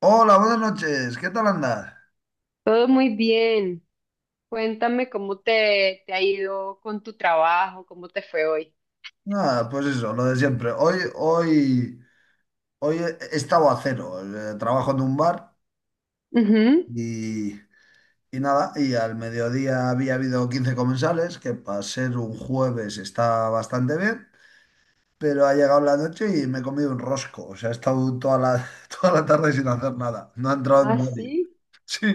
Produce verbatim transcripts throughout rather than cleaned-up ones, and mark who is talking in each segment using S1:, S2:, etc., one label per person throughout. S1: Hola, buenas noches. ¿Qué tal andas?
S2: Todo muy bien. Cuéntame cómo te, te ha ido con tu trabajo, cómo te fue hoy.
S1: Nada, pues eso, lo de siempre. Hoy, hoy, hoy he he estado a cero. Eh, Trabajo en un bar
S2: Ujú.
S1: y, y nada, y al mediodía había habido quince comensales, que para ser un jueves está bastante bien, pero ha llegado la noche y me he comido un rosco. O sea, he estado toda la, toda la tarde sin hacer nada. No ha entrado
S2: Ah,
S1: nadie.
S2: sí.
S1: Sí.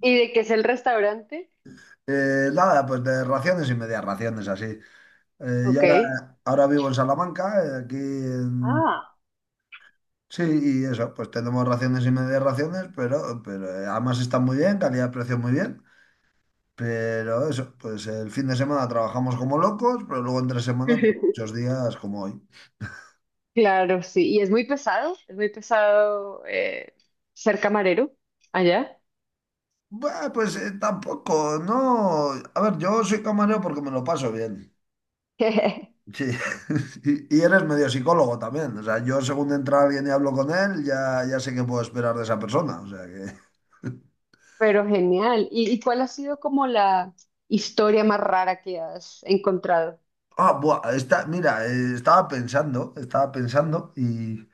S2: ¿Y de qué es el restaurante?
S1: Eh, nada, pues de raciones y medias raciones así. Eh, y
S2: Ok.
S1: ahora, ahora vivo en Salamanca, eh, aquí.
S2: Ah.
S1: Sí, y eso, pues tenemos raciones y medias raciones, pero, pero eh, además están muy bien, calidad-precio muy bien. Pero eso, pues el fin de semana trabajamos como locos, pero luego entre semana, pues, muchos días como hoy.
S2: Claro, sí. ¿Y es muy pesado? Es muy pesado eh, ser camarero allá.
S1: Bah, pues eh, tampoco, no. A ver, yo soy camarero porque me lo paso bien. Sí. Y, y eres medio psicólogo también. O sea, yo según entra alguien y hablo con él, ya, ya sé qué puedo esperar de esa persona. O sea que.
S2: Pero genial. ¿Y, y cuál ha sido como la historia más rara que has encontrado?
S1: Ah, buah, está, mira, eh, estaba pensando, estaba pensando y.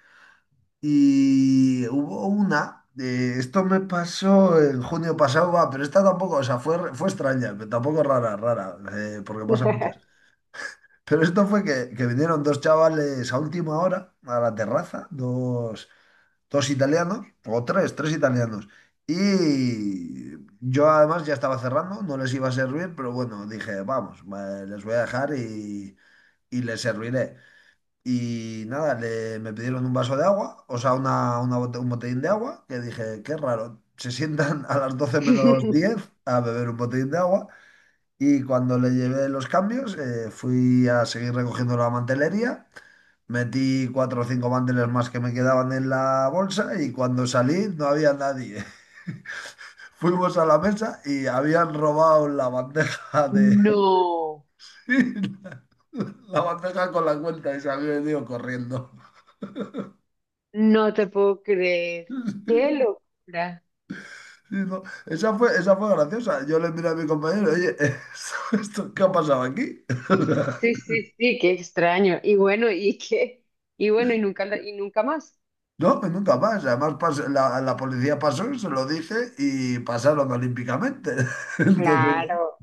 S1: Y hubo una, eh, esto me pasó en junio pasado, va, pero esta tampoco, o sea, fue, fue extraña, pero tampoco rara, rara, eh, porque pasa muchas. Pero esto fue que, que vinieron dos chavales a última hora a la terraza, dos, dos italianos, o tres, tres italianos. Y yo además ya estaba cerrando, no les iba a servir, pero bueno, dije, vamos, va, les voy a dejar y, y les serviré. Y nada, le, me pidieron un vaso de agua, o sea, una, una bote- un botellín de agua, que dije, qué raro, se sientan a las doce menos diez a beber un botellín de agua. Y cuando le llevé los cambios, eh, fui a seguir recogiendo la mantelería, metí cuatro o cinco manteles más que me quedaban en la bolsa y cuando salí no había nadie. Fuimos a la mesa y habían robado la bandeja de...
S2: No,
S1: la bandeja con la cuenta y se había ido corriendo.
S2: no te puedo creer. Qué locura.
S1: Sí, no, Esa fue, esa fue graciosa. Yo le miré a mi compañero, oye, ¿esto, esto qué ha pasado aquí? O sea,
S2: Sí, sí, sí, qué extraño. Y bueno, y qué, y bueno, y nunca, la- y nunca más.
S1: no, y nunca más. Además, pas- la, la policía pasó, se lo dije y pasaron olímpicamente. Entonces, ¿no?
S2: Claro,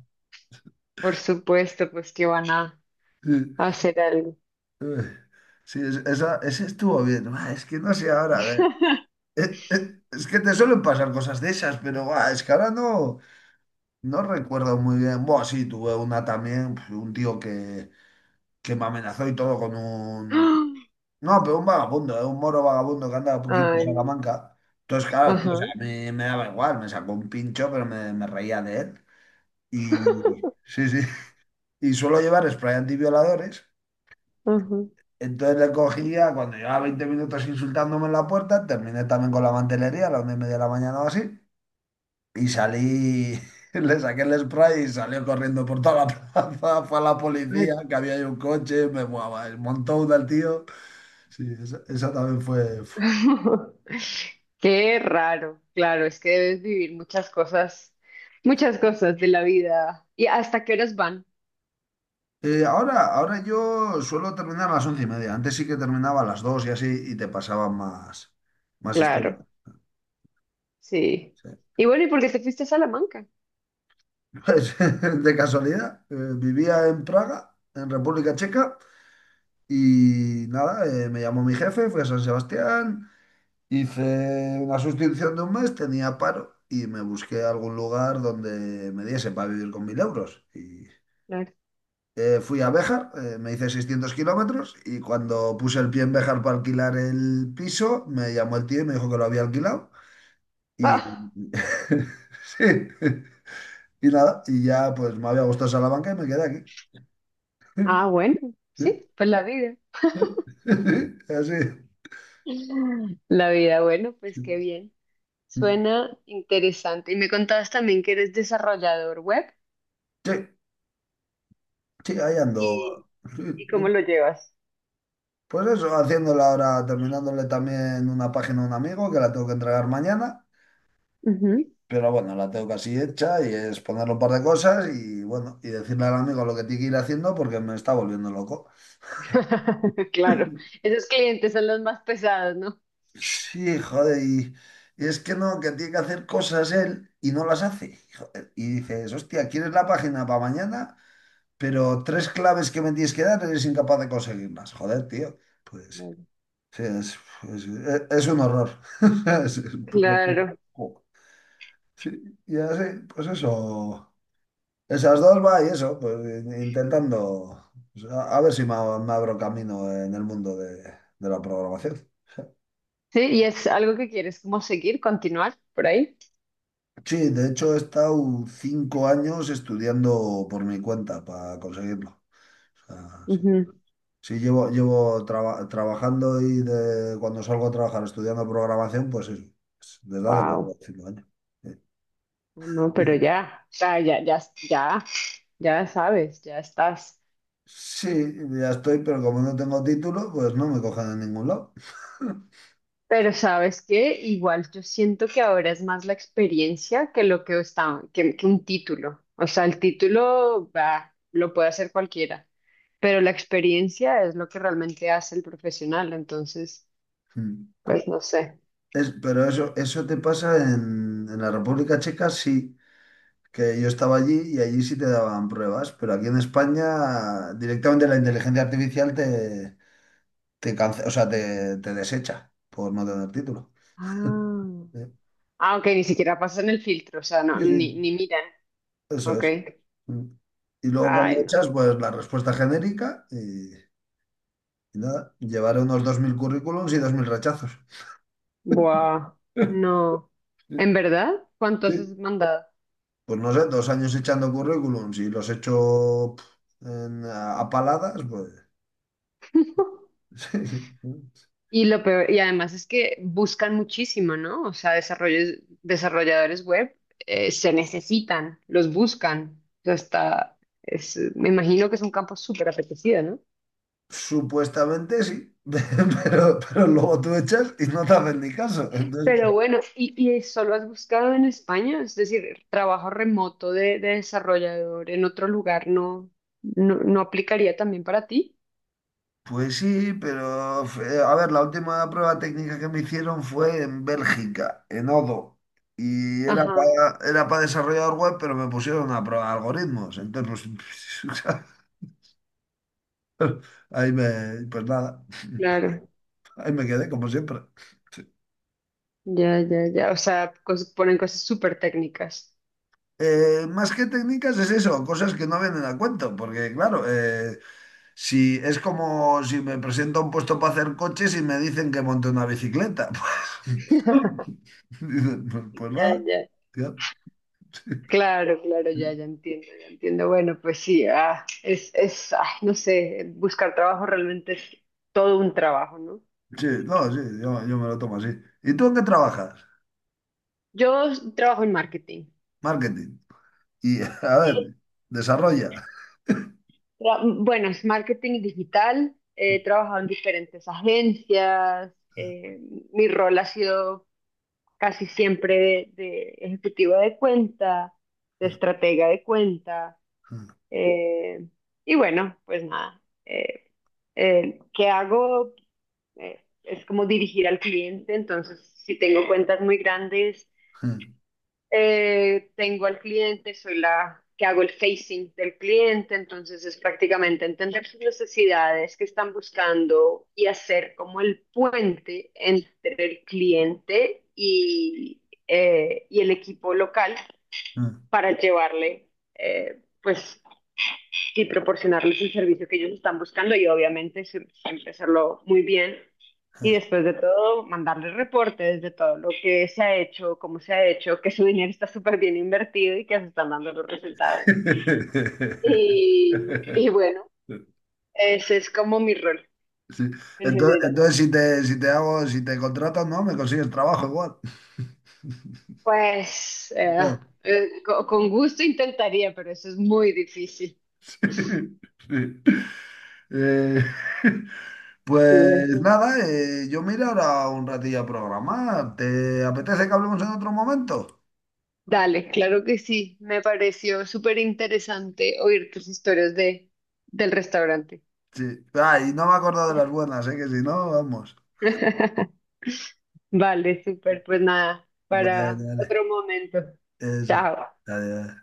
S2: por supuesto, pues que van a
S1: Sí,
S2: hacer algo.
S1: ay, sí, es- esa, ese estuvo bien. Buah, es que no sé ahora, a ver. eh, eh, Es que te suelen pasar cosas de esas, pero buah, es que ahora no, no recuerdo muy bien. Bueno, sí, tuve una también, pues, un tío que que me amenazó y todo con un...
S2: ¡Ah!
S1: No, pero un vagabundo, eh, un moro vagabundo que andaba por aquí por
S2: Ay,
S1: Salamanca. Entonces, claro, tío, o
S2: ajá,
S1: sea, a mí me daba igual, me sacó un pincho, pero me, me reía de él. Y sí, sí. Y suelo llevar spray antivioladores.
S2: ajá.
S1: Entonces le cogía, cuando llevaba veinte minutos insultándome en la puerta, terminé también con la mantelería a las nueve y media de la mañana o así. Y salí, le saqué el spray y salió corriendo por toda la plaza. Fue a la
S2: Ay,
S1: policía, que había ahí un coche, me buah, montó una al tío. Sí, esa, esa también fue. Uf.
S2: qué raro. Claro, es que debes vivir muchas cosas, muchas cosas de la vida. ¿Y hasta qué horas van?
S1: Eh, ahora, ahora yo suelo terminar a las once y media. Antes sí que terminaba a las dos y así y te pasaban más, más historia.
S2: Claro, sí.
S1: Sí.
S2: Y bueno, ¿y por qué te fuiste a Salamanca?
S1: Pues, de casualidad, eh, vivía en Praga, en República Checa, y nada, eh, me llamó mi jefe, fui a San Sebastián, hice una sustitución de un mes, tenía paro y me busqué algún lugar donde me diese para vivir con mil euros. Y
S2: Claro.
S1: Eh, fui a Béjar, eh, me hice seiscientos kilómetros y cuando puse el pie en Béjar para alquilar el piso, me llamó el tío y me dijo que lo había alquilado. Y
S2: Ah,
S1: sí, y nada, y ya pues me había gustado Salamanca y me quedé aquí.
S2: ah, bueno, sí, pues la vida.
S1: Así.
S2: La vida, bueno, pues qué bien. Suena interesante. Y me contabas también que eres desarrollador web
S1: Sí, sí, ahí
S2: y,
S1: ando. Sí,
S2: y cómo
S1: sí.
S2: lo llevas.
S1: Pues eso, haciéndole ahora, terminándole también una página a un amigo que la tengo que entregar mañana.
S2: Ujú.
S1: Pero bueno, la tengo casi hecha y es ponerle un par de cosas y bueno, y decirle al amigo lo que tiene que ir haciendo porque me está volviendo loco.
S2: Claro, esos clientes son los más pesados, ¿no?
S1: Sí, joder, y, y es que no, que tiene que hacer cosas él y no las hace. Joder, y dices, hostia, ¿quieres la página para mañana? Pero tres claves que me tienes que dar eres incapaz de conseguirlas. Joder, tío. Pues
S2: Claro.
S1: sí, es, es- es- es un horror. Es- es puro-
S2: Claro.
S1: Sí, y así, pues eso. Esas dos va y eso, pues in- intentando pues, a, a ver si me, ab- me abro camino en el mundo de, de la programación.
S2: Sí, y es algo que quieres como seguir, continuar por ahí.
S1: Sí, de hecho he estado cinco años estudiando por mi cuenta para conseguirlo. O sea, sí. Sí, llevo, llevo traba- trabajando y de, cuando salgo a trabajar estudiando programación, pues eso, es desde hace cuatro
S2: Wow.
S1: o cinco años. Sí,
S2: No, pero ya, o sea, ya, ya, ya, ya sabes, ya estás.
S1: sí, ya estoy, pero como no tengo título, pues no me cogen en ningún lado.
S2: Pero ¿sabes qué? Igual yo siento que ahora es más la experiencia que lo que está que, que un título. O sea, el título bah, lo puede hacer cualquiera, pero la experiencia es lo que realmente hace el profesional. Entonces, pues no sé.
S1: Es- pero eso, eso te pasa en, en la República Checa, sí, que yo estaba allí y allí sí te daban pruebas, pero aquí en España directamente la inteligencia artificial te, te cance- o sea, te, te desecha por no tener título.
S2: Ah,
S1: ¿Eh?
S2: ah, ok, ni siquiera pasan el filtro, o sea, no,
S1: Sí, sí,
S2: ni, ni miran.
S1: eso
S2: Ok.
S1: es. Mm. Y luego cuando
S2: Ay, no.
S1: echas, pues la respuesta genérica y, y nada, llevaré unos dos mil currículums y dos mil rechazos.
S2: Buah, no. ¿En verdad? ¿Cuántos has mandado?
S1: Pues no sé, dos años echando currículums y los echo pf, en- a, a paladas, pues. Sí, sí.
S2: Y lo peor, y además es que buscan muchísimo, ¿no? O sea, desarrollos, desarrolladores web eh, se necesitan, los buscan. O sea, está, es, me imagino que es un campo súper apetecido, ¿no?
S1: Supuestamente sí, pero, pero luego tú echas y no te hacen ni caso. Entonces,
S2: Pero bueno, ¿y, y solo has buscado en España? Es decir, trabajo remoto de, de desarrollador en otro lugar no, no, no aplicaría también para ti.
S1: pues sí, pero fue- a ver, la última prueba técnica que me hicieron fue en Bélgica, en Odo. Y era
S2: Ajá,
S1: para era para desarrollador web, pero me pusieron a prueba de algoritmos. Entonces, pues, ahí me, pues nada,
S2: claro.
S1: ahí me quedé como siempre. Sí.
S2: Ya, ya, ya. O sea, cos- ponen cosas súper técnicas.
S1: Eh, más que técnicas es eso, cosas que no vienen a cuento, porque claro, eh, si es como si me presento a un puesto para hacer coches y me dicen que monte una bicicleta, pues, dicen, pues, pues
S2: Ya,
S1: nada,
S2: ya.
S1: tío. Sí,
S2: Claro, claro, ya, ya entiendo, ya entiendo. Bueno, pues sí, ah, es, es, ay, no sé, buscar trabajo realmente es todo un trabajo, ¿no?
S1: sí, no, sí, yo, yo me lo tomo así. ¿Y tú en qué trabajas?
S2: Yo trabajo en marketing.
S1: Marketing. Y a ver, desarrolla.
S2: Tra- bueno, es marketing digital, eh, he trabajado en diferentes agencias, eh, mi rol ha sido casi siempre de, de ejecutiva de cuenta, de estratega de cuenta, eh, y bueno, pues nada. eh, eh, ¿qué hago? eh, es como dirigir al cliente, entonces si tengo cuentas muy grandes, eh, tengo al cliente, soy la que hago el facing del cliente, entonces es prácticamente entender sus necesidades que están buscando y hacer como el puente entre el cliente y, eh, y el equipo local para llevarle eh, pues y proporcionarles el servicio que ellos están buscando y obviamente siempre hacerlo muy bien. Y después de todo, mandarles reportes de todo lo que se ha hecho, cómo se ha hecho, que su dinero está súper bien invertido y que se están dando los resultados. Y, y bueno, ese es como mi rol
S1: Sí.
S2: en
S1: Entonces,
S2: general.
S1: entonces si te, si te hago, si te contratan, no, me consigues trabajo igual.
S2: Pues eh,
S1: Ya.
S2: eh, co- con gusto intentaría, pero eso es muy difícil.
S1: Sí, sí. Eh,
S2: Sí,
S1: pues
S2: eso.
S1: nada, eh, yo me iré ahora un ratillo a programar. ¿Te apetece que hablemos en otro momento?
S2: Dale, claro que sí. Me pareció súper interesante oír tus historias de, del restaurante.
S1: Sí. Ay, no me he acordado de las buenas, ¿eh? Que si no, vamos.
S2: Vale, súper. Pues nada,
S1: Bueno,
S2: para
S1: dale.
S2: otro momento.
S1: Eso.
S2: Chao.
S1: Adiós.